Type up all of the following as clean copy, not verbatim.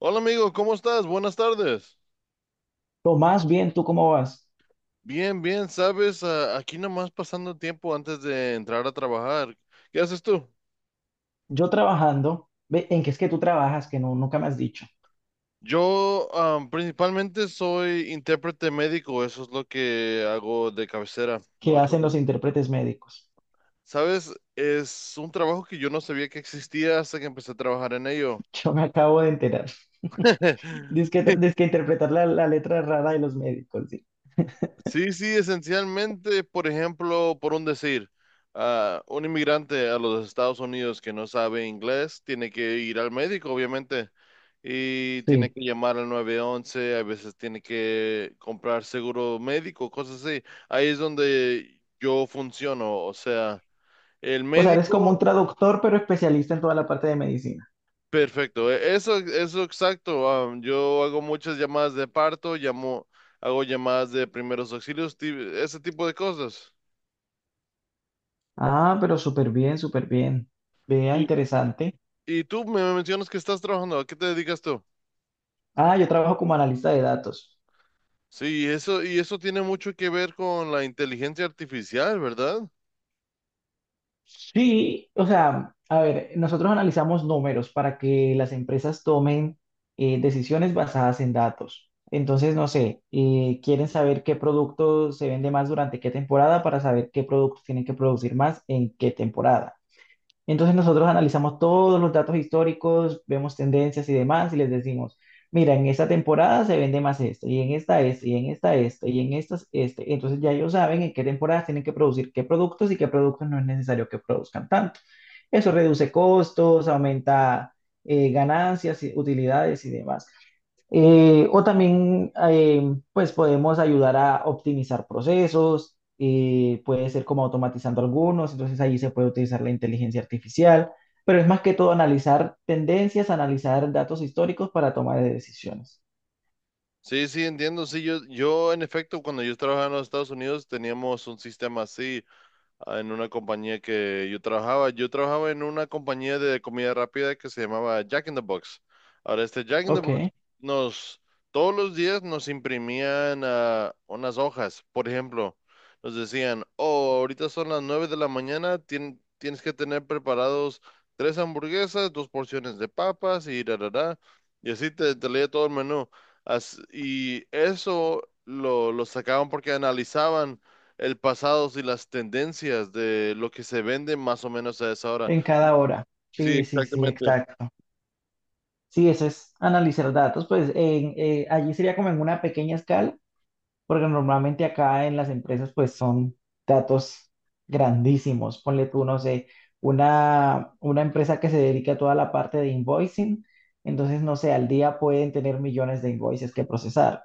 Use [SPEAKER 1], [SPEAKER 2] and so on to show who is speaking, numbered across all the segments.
[SPEAKER 1] Hola amigo, ¿cómo estás? Buenas tardes.
[SPEAKER 2] Tomás, bien, ¿tú cómo vas?
[SPEAKER 1] Bien, bien, sabes, aquí nomás pasando tiempo antes de entrar a trabajar. ¿Qué haces tú?
[SPEAKER 2] Yo trabajando, ve, ¿en qué es que tú trabajas? Que no, nunca me has dicho.
[SPEAKER 1] Yo principalmente soy intérprete médico, eso es lo que hago de cabecera,
[SPEAKER 2] ¿Qué
[SPEAKER 1] ocho
[SPEAKER 2] hacen
[SPEAKER 1] horas.
[SPEAKER 2] los intérpretes médicos?
[SPEAKER 1] Sabes, es un trabajo que yo no sabía que existía hasta que empecé a trabajar en ello.
[SPEAKER 2] Yo me acabo de enterar. Dice que interpretar la letra rara de los médicos, sí.
[SPEAKER 1] Sí, sí, esencialmente, por ejemplo, por un decir, un inmigrante a los Estados Unidos que no sabe inglés tiene que ir al médico, obviamente, y tiene
[SPEAKER 2] Sí.
[SPEAKER 1] que llamar al 911, a veces tiene que comprar seguro médico, cosas así. Ahí es donde yo funciono, o sea, el
[SPEAKER 2] O sea, eres como un
[SPEAKER 1] médico,
[SPEAKER 2] traductor, pero especialista en toda la parte de medicina.
[SPEAKER 1] perfecto, eso exacto. Yo hago muchas llamadas de parto, llamo, hago llamadas de primeros auxilios, ese tipo de cosas.
[SPEAKER 2] Ah, pero súper bien, súper bien. Vea, interesante.
[SPEAKER 1] Y tú me mencionas que estás trabajando, ¿a qué te dedicas tú?
[SPEAKER 2] Ah, yo trabajo como analista de datos.
[SPEAKER 1] Sí, eso, y eso tiene mucho que ver con la inteligencia artificial, ¿verdad?
[SPEAKER 2] Sí, o sea, a ver, nosotros analizamos números para que las empresas tomen decisiones basadas en datos. Entonces, no sé, quieren saber qué producto se vende más durante qué temporada para saber qué productos tienen que producir más en qué temporada. Entonces nosotros analizamos todos los datos históricos, vemos tendencias y demás y les decimos, mira, en esta temporada se vende más este, y en esta este, y en esta este, y en estas este. Entonces ya ellos saben en qué temporadas tienen que producir qué productos y qué productos no es necesario que produzcan tanto. Eso reduce costos, aumenta ganancias, y- utilidades y demás. O también, pues podemos ayudar a optimizar procesos, puede ser como automatizando algunos, entonces ahí se puede utilizar la inteligencia artificial, pero es más que todo analizar tendencias, analizar datos históricos para tomar decisiones.
[SPEAKER 1] Sí, sí, entiendo. Sí, yo en efecto, cuando yo trabajaba en los Estados Unidos teníamos un sistema así. En una compañía que yo trabajaba. Yo trabajaba en una compañía de comida rápida que se llamaba Jack in the Box. Ahora, este Jack in the
[SPEAKER 2] Ok,
[SPEAKER 1] Box nos, todos los días nos imprimían unas hojas. Por ejemplo, nos decían, oh, ahorita son las 9 de la mañana, tienes que tener preparados tres hamburguesas, dos porciones de papas y da, da, da. Y así te leía todo el menú. Y eso lo sacaban porque analizaban el pasado y las tendencias de lo que se vende más o menos a esa hora.
[SPEAKER 2] en cada hora.
[SPEAKER 1] Sí,
[SPEAKER 2] Sí, sí, sí,
[SPEAKER 1] exactamente.
[SPEAKER 2] exacto. Sí, eso es analizar datos, pues en- allí sería como en una pequeña escala. Porque normalmente acá en las empresas pues son datos grandísimos. Ponle tú, no sé, una empresa que se dedica a toda la parte de invoicing, entonces no sé, al día pueden tener millones de invoices que procesar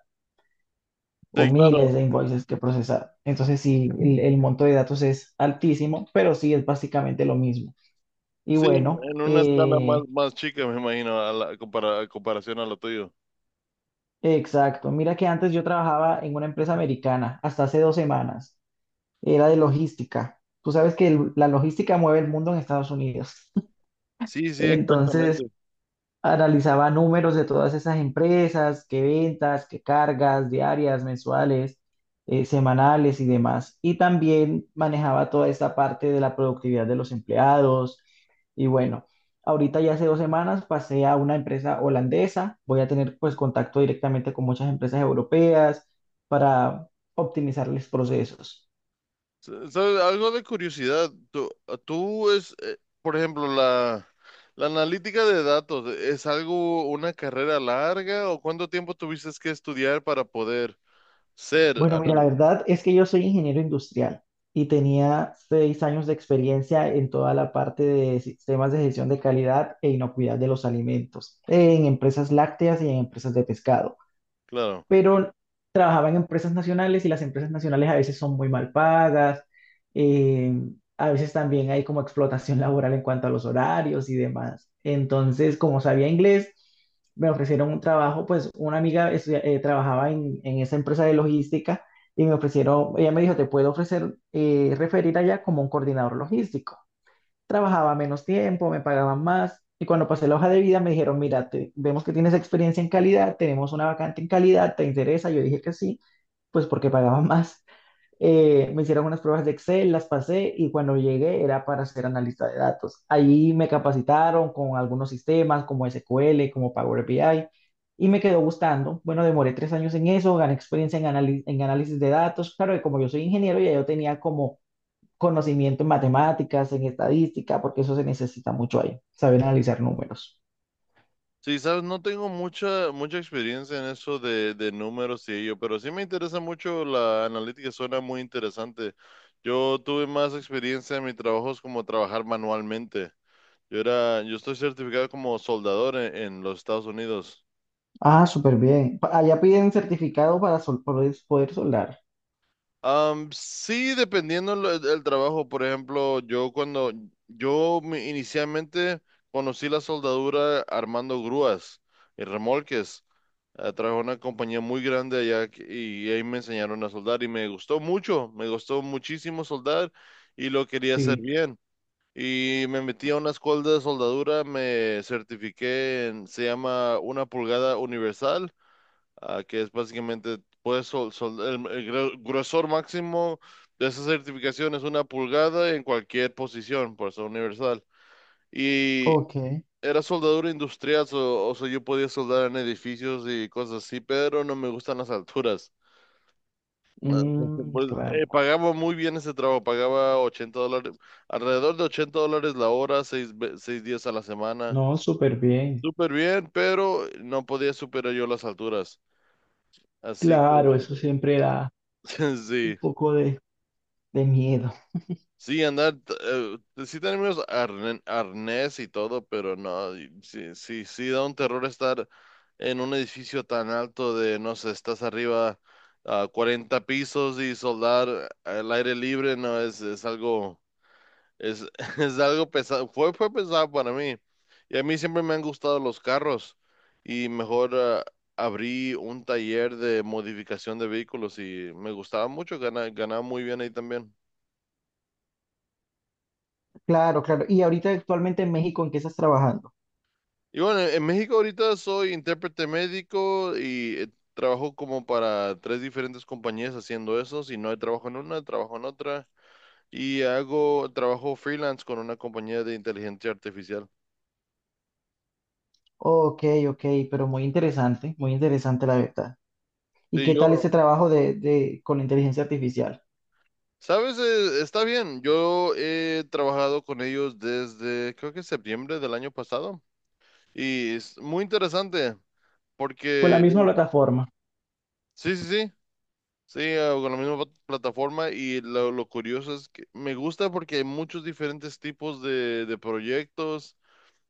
[SPEAKER 2] o
[SPEAKER 1] Sí,
[SPEAKER 2] miles
[SPEAKER 1] claro.
[SPEAKER 2] de invoices que procesar. Entonces sí, el monto de datos es altísimo, pero sí es básicamente lo mismo. Y
[SPEAKER 1] Sí,
[SPEAKER 2] bueno,
[SPEAKER 1] en una escala más, más chica, me imagino, a la a comparación a lo tuyo.
[SPEAKER 2] exacto. Mira que antes yo trabajaba en una empresa americana hasta hace 2 semanas. Era de logística. Tú sabes que el- la logística mueve el mundo en Estados Unidos.
[SPEAKER 1] Sí, sí,
[SPEAKER 2] Entonces,
[SPEAKER 1] exactamente.
[SPEAKER 2] analizaba números de todas esas empresas, qué ventas, qué cargas diarias, mensuales, semanales y demás. Y también manejaba toda esta parte de la productividad de los empleados. Y bueno, ahorita ya hace 2 semanas pasé a una empresa holandesa. Voy a tener pues contacto directamente con muchas empresas europeas para optimizarles procesos.
[SPEAKER 1] ¿Sabes? Algo de curiosidad. Tú es, por ejemplo, la analítica de datos, ¿es algo, una carrera larga o cuánto tiempo tuviste que estudiar para poder ser
[SPEAKER 2] Bueno, mira, la
[SPEAKER 1] anal?
[SPEAKER 2] verdad es que yo soy ingeniero industrial y tenía 6 años de experiencia en toda la parte de sistemas de gestión de calidad e inocuidad de los alimentos, en empresas lácteas y en empresas de pescado,
[SPEAKER 1] Claro.
[SPEAKER 2] pero trabajaba en empresas nacionales y las empresas nacionales a veces son muy mal pagas, eh, a veces también hay como explotación laboral en cuanto a los horarios y demás. Entonces, como sabía inglés, me ofrecieron un trabajo, pues una amiga trabajaba en esa empresa de logística y me ofrecieron, ella me dijo, te puedo ofrecer, referir allá como un coordinador logístico. Trabajaba menos tiempo, me pagaban más. Y cuando pasé la hoja de vida me dijeron, mira, te- vemos que tienes experiencia en calidad, tenemos una vacante en calidad, ¿te interesa? Yo dije que sí, pues porque pagaban más. Me hicieron unas pruebas de Excel, las pasé y cuando llegué era para ser analista de datos. Ahí me capacitaron con algunos sistemas como SQL, como Power BI y me quedó gustando. Bueno, demoré 3 años en eso, gané experiencia en, anali- en análisis de datos. Claro que como yo soy ingeniero, ya yo tenía como conocimiento en matemáticas, en estadística, porque eso se necesita mucho ahí, saber analizar números.
[SPEAKER 1] Sí, sabes, no tengo mucha, mucha experiencia en eso de números y ello, pero sí me interesa mucho la analítica, suena muy interesante. Yo tuve más experiencia en mi trabajo es como trabajar manualmente. Yo estoy certificado como soldador en los Estados Unidos.
[SPEAKER 2] Ah, súper bien. Pa- Allá piden certificado para sol- poder, poder soldar.
[SPEAKER 1] Sí, dependiendo del trabajo. Por ejemplo, yo cuando inicialmente conocí la soldadura armando grúas y remolques. Trabajé en una compañía muy grande allá y ahí me enseñaron a soldar y me gustó mucho, me gustó muchísimo soldar y lo quería hacer
[SPEAKER 2] Sí.
[SPEAKER 1] bien. Y me metí a una escuela de soldadura, me certifiqué en, se llama 1 pulgada universal que es básicamente, puedes el gruesor máximo de esa certificación es 1 pulgada en cualquier posición, por eso universal. Y
[SPEAKER 2] Ok.
[SPEAKER 1] era soldadura industrial, o sea, yo podía soldar en edificios y cosas así, pero no me gustan las alturas. Ah,
[SPEAKER 2] Mm,
[SPEAKER 1] Pues,
[SPEAKER 2] claro.
[SPEAKER 1] pagaba muy bien ese trabajo, pagaba $80, alrededor de $80 la hora, 6 días a la semana.
[SPEAKER 2] No, súper bien.
[SPEAKER 1] Súper bien, pero no podía superar yo las alturas. Así
[SPEAKER 2] Claro, eso
[SPEAKER 1] que,
[SPEAKER 2] siempre da un
[SPEAKER 1] sí.
[SPEAKER 2] poco de miedo.
[SPEAKER 1] Sí, andar, pues, sí tenemos arnés y todo, pero no, y sí, sí, sí da un terror estar en un edificio tan alto de, no sé, estás arriba a 40 pisos y soldar al aire libre, no, es algo, es, es algo pesado, fue pesado para mí. Y a mí siempre me han gustado los carros y mejor abrí un taller de modificación de vehículos y me gustaba mucho, ganaba muy bien ahí también.
[SPEAKER 2] Claro, claro. Y ahorita actualmente en México, ¿en qué estás trabajando?
[SPEAKER 1] Y bueno, en México ahorita soy intérprete médico y trabajo como para tres diferentes compañías haciendo eso. Si no hay trabajo en una, trabajo en otra. Y hago trabajo freelance con una compañía de inteligencia artificial.
[SPEAKER 2] Ok, ok, pero muy interesante la verdad. ¿Y
[SPEAKER 1] Sí,
[SPEAKER 2] qué tal
[SPEAKER 1] yo,
[SPEAKER 2] ese trabajo de, con la inteligencia artificial?
[SPEAKER 1] sabes, está bien. Yo he trabajado con ellos desde creo que septiembre del año pasado. Y es muy interesante
[SPEAKER 2] Con la
[SPEAKER 1] porque,
[SPEAKER 2] misma plataforma,
[SPEAKER 1] sí, sí, sí. Sí, con la misma plataforma y lo curioso es que me gusta porque hay muchos diferentes tipos de proyectos,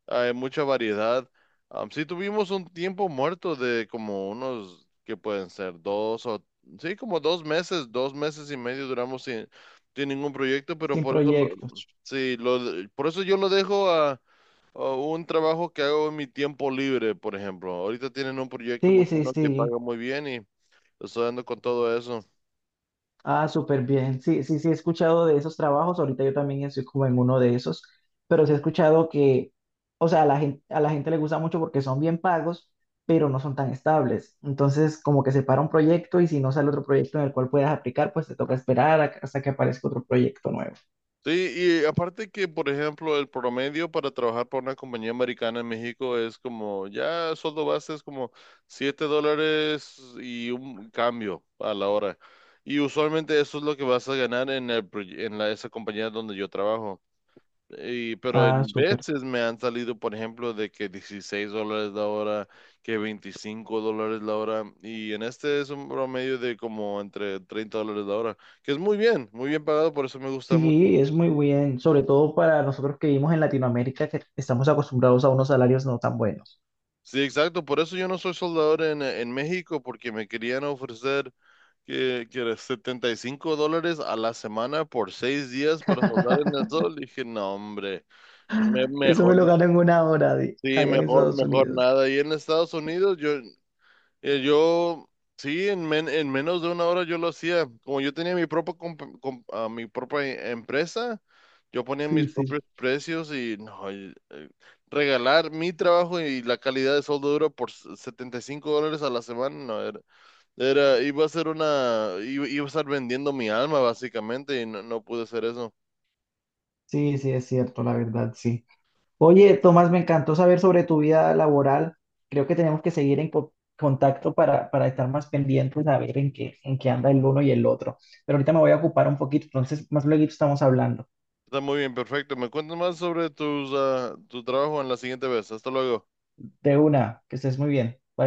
[SPEAKER 1] hay mucha variedad. Sí tuvimos un tiempo muerto de como unos, que pueden ser dos o, sí, como 2 meses, 2 meses y medio duramos sin ningún proyecto, pero
[SPEAKER 2] sin
[SPEAKER 1] por eso,
[SPEAKER 2] proyectos.
[SPEAKER 1] sí, por eso yo lo dejo a un trabajo que hago en mi tiempo libre, por ejemplo. Ahorita tienen un proyecto muy
[SPEAKER 2] Sí, sí,
[SPEAKER 1] bueno que
[SPEAKER 2] sí.
[SPEAKER 1] paga muy bien y estoy dando con todo eso.
[SPEAKER 2] Ah, súper bien. Sí, sí, sí, he escuchado de esos trabajos. Ahorita yo también estoy como en uno de esos, pero sí he escuchado que, o sea, a la gente le gusta mucho porque son bien pagos, pero no son tan estables. Entonces, como que se para un proyecto y si no sale otro proyecto en el cual puedas aplicar, pues te toca esperar a- hasta que aparezca otro proyecto nuevo.
[SPEAKER 1] Sí, y aparte que, por ejemplo, el promedio para trabajar para una compañía americana en México es como, ya sueldo base es como $7 y un cambio a la hora. Y usualmente eso es lo que vas a ganar en el, proye- en la, esa compañía donde yo trabajo. Y, pero
[SPEAKER 2] Ah,
[SPEAKER 1] en
[SPEAKER 2] súper.
[SPEAKER 1] veces me han salido, por ejemplo, de que $16 la hora, que $25 la hora. Y en este es un promedio de como entre $30 la hora, que es muy bien pagado, por eso me gusta mucho.
[SPEAKER 2] Sí, es muy bien, sobre todo para nosotros que vivimos en Latinoamérica, que estamos acostumbrados a unos salarios no tan buenos.
[SPEAKER 1] Sí, exacto. Por eso yo no soy soldador en México, porque me querían ofrecer que era $75 a la semana por 6 días para soldar en el sol. Dije, no, hombre,
[SPEAKER 2] Eso me
[SPEAKER 1] mejor,
[SPEAKER 2] lo gano en una hora de,
[SPEAKER 1] sí,
[SPEAKER 2] allá en
[SPEAKER 1] mejor,
[SPEAKER 2] Estados
[SPEAKER 1] mejor
[SPEAKER 2] Unidos.
[SPEAKER 1] nada. Y en Estados Unidos, yo eh, yo, sí, en menos de 1 hora yo lo hacía. Como yo tenía mi propia, mi propia empresa, yo ponía
[SPEAKER 2] Sí,
[SPEAKER 1] mis
[SPEAKER 2] sí,
[SPEAKER 1] propios precios y no, y, regalar mi trabajo y la calidad de soldo duro por $75 a la semana, no, era, iba a ser una, iba, iba a estar vendiendo mi alma básicamente y no, no pude hacer eso.
[SPEAKER 2] sí, sí, es cierto, la verdad, sí. Oye, Tomás, me encantó saber sobre tu vida laboral. Creo que tenemos que seguir en co- contacto para estar más pendientes a ver en qué anda el uno y el otro. Pero ahorita me voy a ocupar un poquito, entonces más luego estamos hablando.
[SPEAKER 1] Está muy bien, perfecto. Me cuentas más sobre tus, tu trabajo en la siguiente vez. Hasta luego.
[SPEAKER 2] De una, que estés muy bien. Bye.